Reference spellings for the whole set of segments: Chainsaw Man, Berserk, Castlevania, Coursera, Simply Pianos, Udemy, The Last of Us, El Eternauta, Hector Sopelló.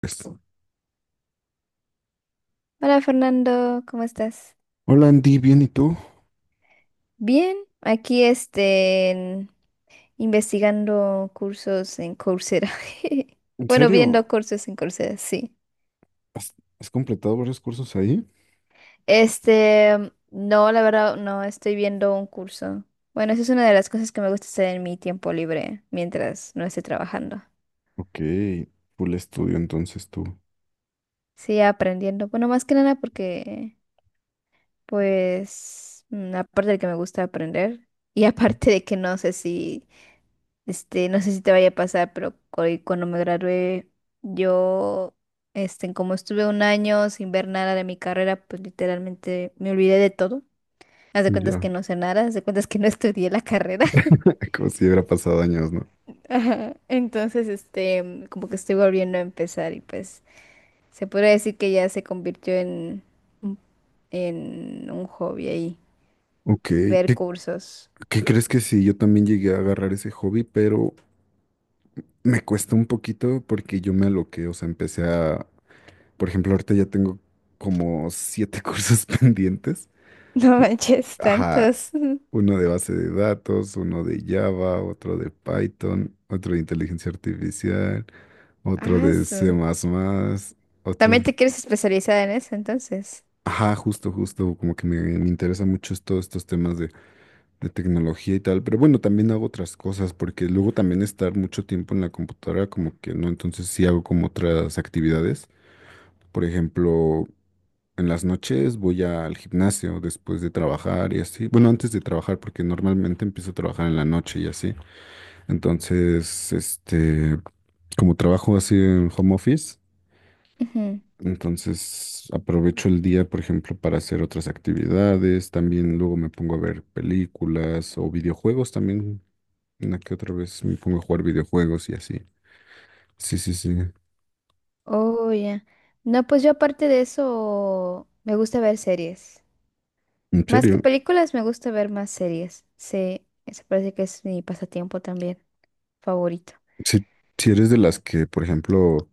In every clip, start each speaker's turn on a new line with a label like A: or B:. A: Pues,
B: Hola Fernando, ¿cómo estás?
A: hola Andy, bien, ¿y tú?
B: Bien, aquí investigando cursos en Coursera.
A: ¿En
B: Bueno, viendo
A: serio?
B: cursos en Coursera, sí.
A: ¿Has, ¿has completado varios cursos ahí?
B: No, la verdad, no estoy viendo un curso. Bueno, eso es una de las cosas que me gusta hacer en mi tiempo libre, mientras no esté trabajando.
A: Ok, full estudio entonces tú.
B: Sí, aprendiendo. Bueno, más que nada porque, pues, aparte de que me gusta aprender, y aparte de que no sé si te vaya a pasar, pero cuando me gradué, yo, como estuve un año sin ver nada de mi carrera, pues literalmente me olvidé de todo. Haz de cuentas que
A: Ya.
B: no sé nada, haz de cuentas que no estudié la carrera.
A: Como si hubiera pasado años, ¿no?
B: Ajá. Entonces, como que estoy volviendo a empezar y pues se podría decir que ya se convirtió un- en un hobby ahí,
A: Ok,
B: ver
A: ¿qué,
B: cursos.
A: ¿qué crees que sí? Yo también llegué a agarrar ese hobby, pero me cuesta un poquito porque yo me aloqué, o sea, empecé a... Por ejemplo, ahorita ya tengo como siete cursos pendientes.
B: No
A: ¿No?
B: manches,
A: Ajá,
B: tantos.
A: uno de base de datos, uno de Java, otro de Python, otro de inteligencia artificial. Otro
B: Ah,
A: de C++, otro...
B: ¿también te quieres especializar en eso entonces?
A: Ajá, justo, justo, como que me interesan mucho es todos estos temas de tecnología y tal, pero bueno, también hago otras cosas, porque luego también estar mucho tiempo en la computadora, como que no, entonces sí hago como otras actividades, por ejemplo, en las noches voy al gimnasio después de trabajar y así, bueno, antes de trabajar, porque normalmente empiezo a trabajar en la noche y así, entonces, este, como trabajo así en home office.
B: Ujú.
A: Entonces aprovecho el día, por ejemplo, para hacer otras actividades. También luego me pongo a ver películas o videojuegos también. Una que otra vez me pongo a jugar videojuegos y así. Sí, sí, sí.
B: Oh, ya. No, pues yo aparte de eso, me gusta ver series.
A: ¿En
B: Más que
A: serio?
B: películas, me gusta ver más series. Sí, eso parece que es mi pasatiempo también favorito.
A: Si, si eres de las que, por ejemplo,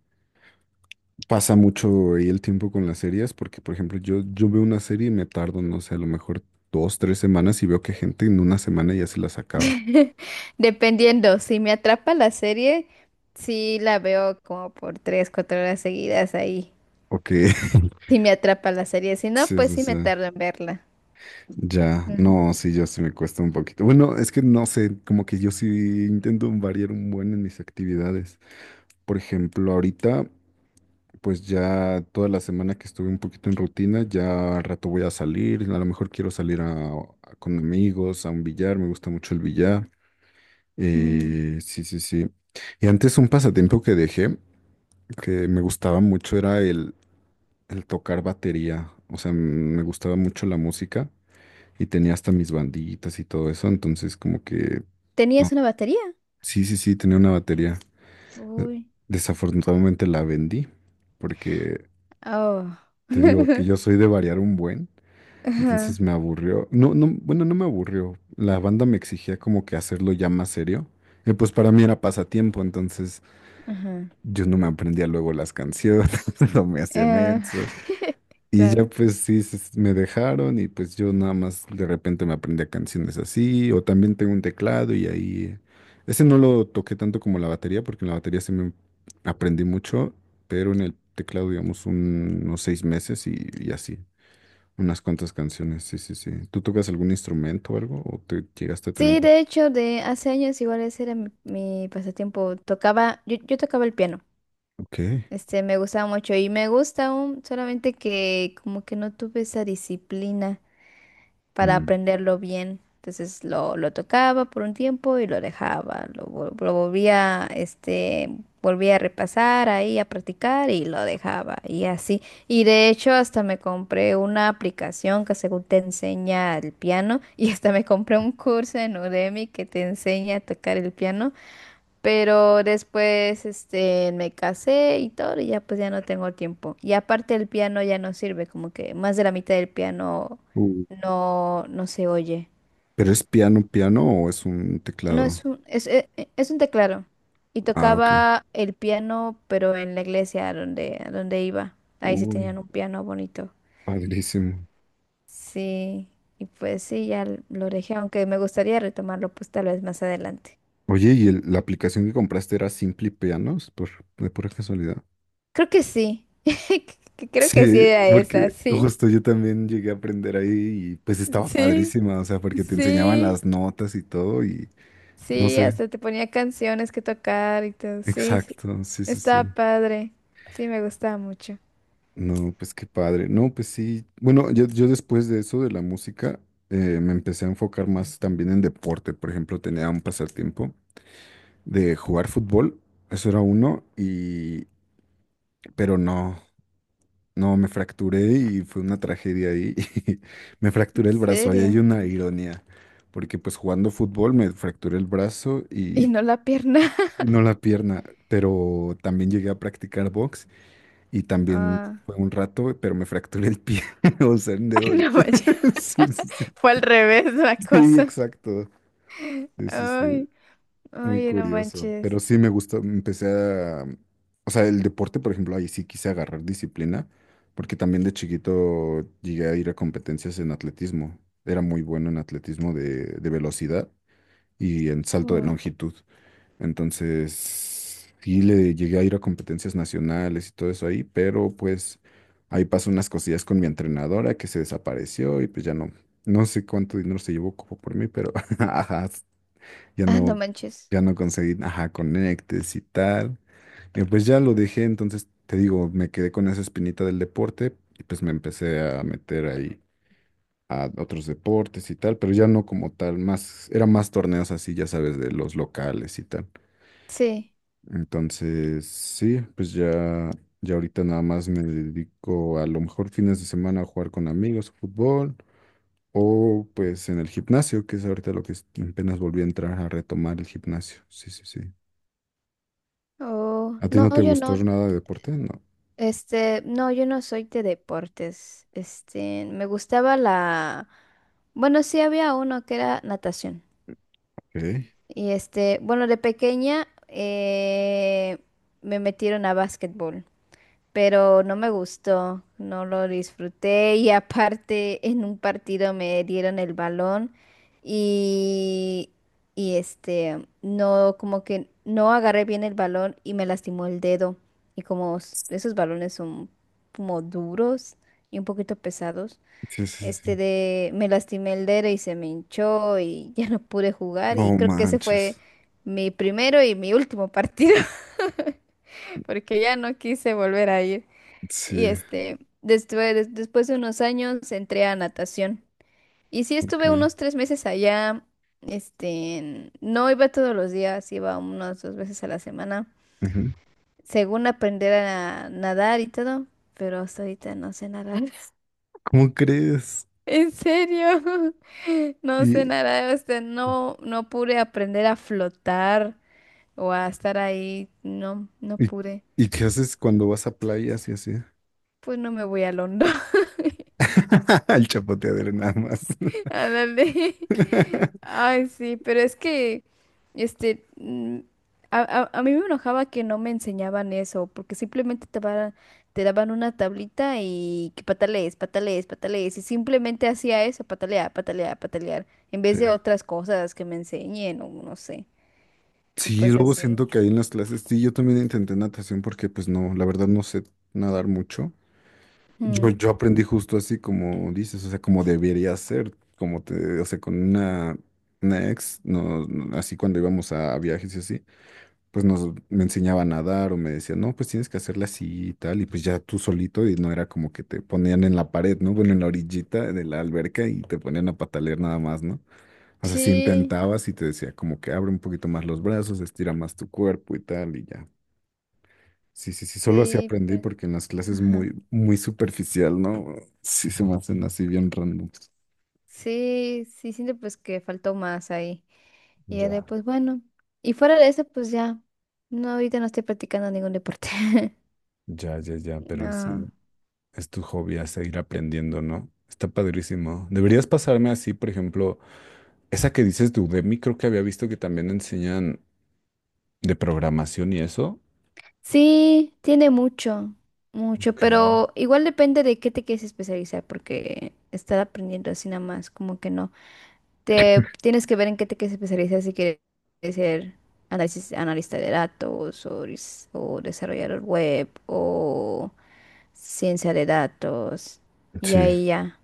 A: pasa mucho ahí el tiempo con las series, porque, por ejemplo, yo veo una serie y me tardo, no sé, a lo mejor dos, tres semanas y veo que gente en una semana ya se las acaba.
B: Dependiendo, si me atrapa la serie, sí la veo como por 3, 4 horas seguidas ahí.
A: Ok.
B: Si me atrapa la serie, si no,
A: Sí,
B: pues
A: sí,
B: sí me
A: sí.
B: tardo en verla.
A: Ya,
B: Mm.
A: no, sí, yo sí me cuesta un poquito. Bueno, es que no sé, como que yo sí intento variar un buen en mis actividades. Por ejemplo, ahorita, pues ya toda la semana que estuve un poquito en rutina, ya al rato voy a salir, a lo mejor quiero salir con amigos, a un billar, me gusta mucho el billar.
B: Mm,
A: Sí, sí, sí. Y antes un pasatiempo que dejé, que me gustaba mucho, era el tocar batería. O sea, me gustaba mucho la música, y tenía hasta mis banditas y todo eso, entonces como que,
B: ¿tenías
A: no,
B: una batería?
A: sí, sí, sí, tenía una batería. Eh,
B: Uy.
A: Desafortunadamente la vendí, porque
B: Oh.
A: te digo que yo soy de variar un buen, entonces
B: Ajá.
A: me aburrió. No, no, bueno, no me aburrió. La banda me exigía como que hacerlo ya más serio. Y pues para mí era pasatiempo, entonces
B: Ajá.
A: yo no me aprendía luego las canciones, no me hacía
B: Eh,
A: menso. Y ya
B: Claro.
A: pues sí, me dejaron y pues yo nada más de repente me aprendía canciones así, o también tengo un teclado y ahí, ese no lo toqué tanto como la batería, porque en la batería se me aprendí mucho, pero en el teclado digamos unos seis meses y así, unas cuantas canciones, sí, sí, sí. ¿Tú tocas algún instrumento o algo? ¿O te llegaste a tener un...
B: Sí,
A: pas-?
B: de hecho, de hace años igual ese era mi pasatiempo. Yo tocaba el piano.
A: Ok.
B: Me gustaba mucho y me gusta aún, solamente que como que no tuve esa disciplina para
A: Mm.
B: aprenderlo bien. Entonces lo tocaba por un tiempo y lo dejaba, lo volvía a repasar ahí, a practicar y lo dejaba y así. Y de hecho hasta me compré una aplicación que según te enseña el piano y hasta me compré un curso en Udemy que te enseña a tocar el piano, pero después, me casé y todo, y ya pues ya no tengo tiempo. Y aparte el piano ya no sirve, como que más de la mitad del piano
A: Uh,
B: no, no se oye.
A: ¿pero es piano, piano o es un
B: No
A: teclado?
B: es un, es, e- e- es un teclado. Y
A: Ah, ok.
B: tocaba el piano, pero en la iglesia a donde, iba. Ahí sí
A: Uy,
B: tenían un piano bonito.
A: padrísimo.
B: Sí, y pues sí, ya lo dejé, aunque me gustaría retomarlo pues tal vez más adelante.
A: Oye, ¿y la aplicación que compraste era Simply Pianos? Por, de pura casualidad.
B: Creo que sí. Creo que sí
A: Sí,
B: era esa,
A: porque
B: sí.
A: justo yo también llegué a aprender ahí y pues estaba
B: Sí.
A: padrísima, o sea, porque te enseñaban
B: Sí,
A: las notas y todo y no
B: sí,
A: sé,
B: hasta te ponía canciones que tocar y todo. Sí, sí,
A: exacto, sí, sí,
B: estaba
A: sí.
B: padre. Sí, me gustaba mucho.
A: No, pues qué padre. No, pues sí. Bueno, yo después de eso de la música me empecé a enfocar más también en deporte. Por ejemplo, tenía un pasatiempo de jugar fútbol, eso era uno, y pero no. No, me fracturé y fue una tragedia ahí. Me
B: ¿En
A: fracturé el brazo. Ahí hay
B: serio?
A: una ironía, porque pues jugando fútbol me fracturé el brazo
B: ¿Y no la pierna?
A: y no la pierna, pero también llegué a practicar box y también
B: Ah,
A: fue un rato, pero me fracturé el pie, o sea, el dedo
B: ay,
A: del
B: no
A: pie.
B: manches.
A: Sí, sí, sí.
B: Fue al revés la
A: Sí,
B: cosa.
A: exacto. Sí, sí, sí.
B: Ay,
A: Muy
B: ay, no
A: curioso,
B: manches.
A: pero sí me gustó, empecé a, o sea, el deporte, por ejemplo, ahí sí quise agarrar disciplina, porque también de chiquito llegué a ir a competencias en atletismo, era muy bueno en atletismo de velocidad y en salto de
B: Oh,
A: longitud, entonces sí le llegué a ir a competencias nacionales y todo eso ahí, pero pues ahí pasó unas cosillas con mi entrenadora que se desapareció y pues ya no, no sé cuánto dinero se llevó como por mí, pero ajá, ya
B: ah, no
A: no,
B: manches.
A: ya no conseguí, ajá, conectes y tal. Y pues ya lo dejé, entonces te digo, me quedé con esa espinita del deporte y pues me empecé a meter ahí a otros deportes y tal, pero ya no como tal, más, eran más torneos así, ya sabes, de los locales y tal.
B: Sí.
A: Entonces, sí, pues ya, ya ahorita nada más me dedico a lo mejor fines de semana a jugar con amigos, fútbol, o pues en el gimnasio, que es ahorita lo que apenas volví a entrar a retomar el gimnasio. Sí, sí, sí.
B: Oh,
A: ¿A ti
B: no,
A: no te
B: yo
A: gustó
B: no.
A: nada de deporte? No.
B: No, yo no soy de deportes. Me gustaba la. Bueno, sí había uno que era natación.
A: Ok.
B: Y bueno, de pequeña me metieron a básquetbol, pero no me gustó, no lo disfruté y aparte en un partido me dieron el balón y, no, como que no agarré bien el balón y me lastimó el dedo. Y como esos balones son como duros y un poquito pesados.
A: Sí, sí,
B: Este
A: sí.
B: de me lastimé el dedo y se me hinchó y ya no pude jugar y
A: No
B: creo que ese
A: manches.
B: fue mi primero y mi último partido porque ya no quise volver a ir. Y
A: Sí,
B: después de unos años entré a natación y sí estuve
A: ok.
B: unos 3 meses allá. No iba todos los días, iba unas dos veces a la semana,
A: Ujú.
B: según aprender a nadar y todo, pero hasta ahorita no sé nadar.
A: ¿Cómo crees?
B: ¿En serio? No sé
A: ¿Y,
B: nada, no, no pude aprender a flotar o a estar ahí. No, no
A: y,
B: pude.
A: ¿y qué haces cuando vas a playas y así?
B: Pues no me voy al hondo.
A: El chapoteadero nada más.
B: Ándale. Ay, sí, pero es que, este, mm, a mí me enojaba que no me enseñaban eso, porque simplemente te daban, una tablita y que patalees, patalees, patalees, y simplemente hacía eso, patalear, patalear, patalear, en
A: Sí.
B: vez de otras cosas que me enseñen o no sé. Y
A: Sí,
B: pues
A: luego
B: así.
A: siento que ahí en las clases, sí, yo también intenté natación porque pues no, la verdad no sé nadar mucho.
B: Mm.
A: Yo aprendí justo así como dices, o sea, como debería ser, como te, o sea, con una ex, no, no, así cuando íbamos a viajes y así, pues nos me enseñaba a nadar o me decía, no, pues tienes que hacerla así y tal, y pues ya tú solito, y no era como que te ponían en la pared, ¿no? Bueno, en la orillita de la alberca y te ponían a patalear nada más, ¿no? O sea, si
B: Sí,
A: intentabas y te decía como que abre un poquito más los brazos, estira más tu cuerpo y tal, y ya, sí, sí, sí, solo así
B: sí,
A: aprendí
B: pues,
A: porque en las clases
B: ajá.
A: muy, muy superficial, ¿no? Sí se me hacen así bien random.
B: Sí, sí, siento pues que faltó más ahí. Y ya
A: Ya,
B: pues bueno. Y fuera de eso, pues ya. No, ahorita no estoy practicando ningún deporte.
A: ya, ya, ya, pero
B: No.
A: sí, es tu hobby a seguir aprendiendo, ¿no? Está padrísimo. Deberías pasarme así, por ejemplo, esa que dices de Udemy, creo que había visto que también enseñan de programación y eso.
B: Sí, tiene mucho, mucho,
A: Ok.
B: pero igual depende de qué te quieres especializar, porque estar aprendiendo así nada más, como que no. Te tienes que ver en qué te quieres especializar si quieres ser analista de datos o desarrollador web o ciencia de datos. Y
A: Sí.
B: ahí ya,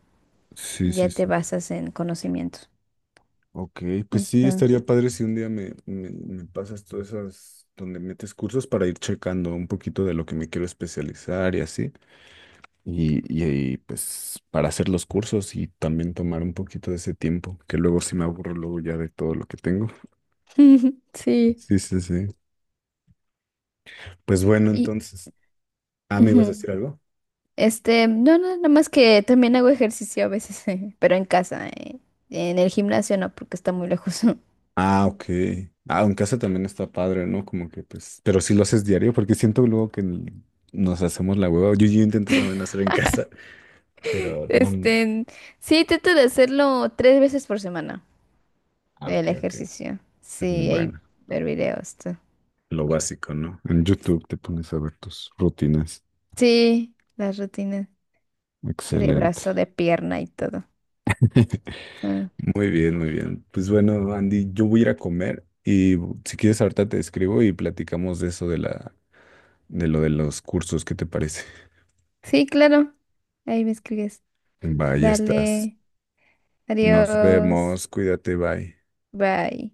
A: Sí,
B: ya
A: sí,
B: te
A: sí.
B: basas en conocimientos.
A: Ok, pues sí,
B: Entonces,
A: estaría padre si un día me pasas todas esas donde metes cursos para ir checando un poquito de lo que me quiero especializar y así. Ahí, pues para hacer los cursos y también tomar un poquito de ese tiempo, que luego sí me aburro luego ya de todo lo que tengo.
B: sí.
A: Sí, sí, sí. Pues bueno,
B: Y
A: entonces, ah, ¿me ibas a
B: ujú,
A: decir algo?
B: no, no, nada más que también hago ejercicio a veces, pero en casa, en el gimnasio no, porque está muy lejos.
A: Ah, ok. Ah, en casa también está padre, ¿no? Como que pues, pero si lo haces diario, porque siento luego que nos hacemos la hueva. Yo intenté también hacer en casa, pero no.
B: Este, sí, trato de hacerlo tres veces por semana.
A: Ah, ok,
B: El
A: ok.
B: ejercicio. Sí, hay
A: Bueno,
B: ver videos. Tú.
A: lo básico, ¿no? En YouTube te pones a ver tus rutinas.
B: Sí, las rutinas. De
A: Excelente.
B: brazo, de pierna y todo. Ah,
A: Muy bien, muy bien. Pues bueno, Andy, yo voy a ir a comer y si quieres ahorita te escribo y platicamos de eso de la, de lo de los cursos, ¿qué te parece?
B: sí, claro. Ahí me escribes.
A: Va, vaya, estás.
B: Dale.
A: Nos
B: Adiós.
A: vemos, cuídate, bye.
B: Bye.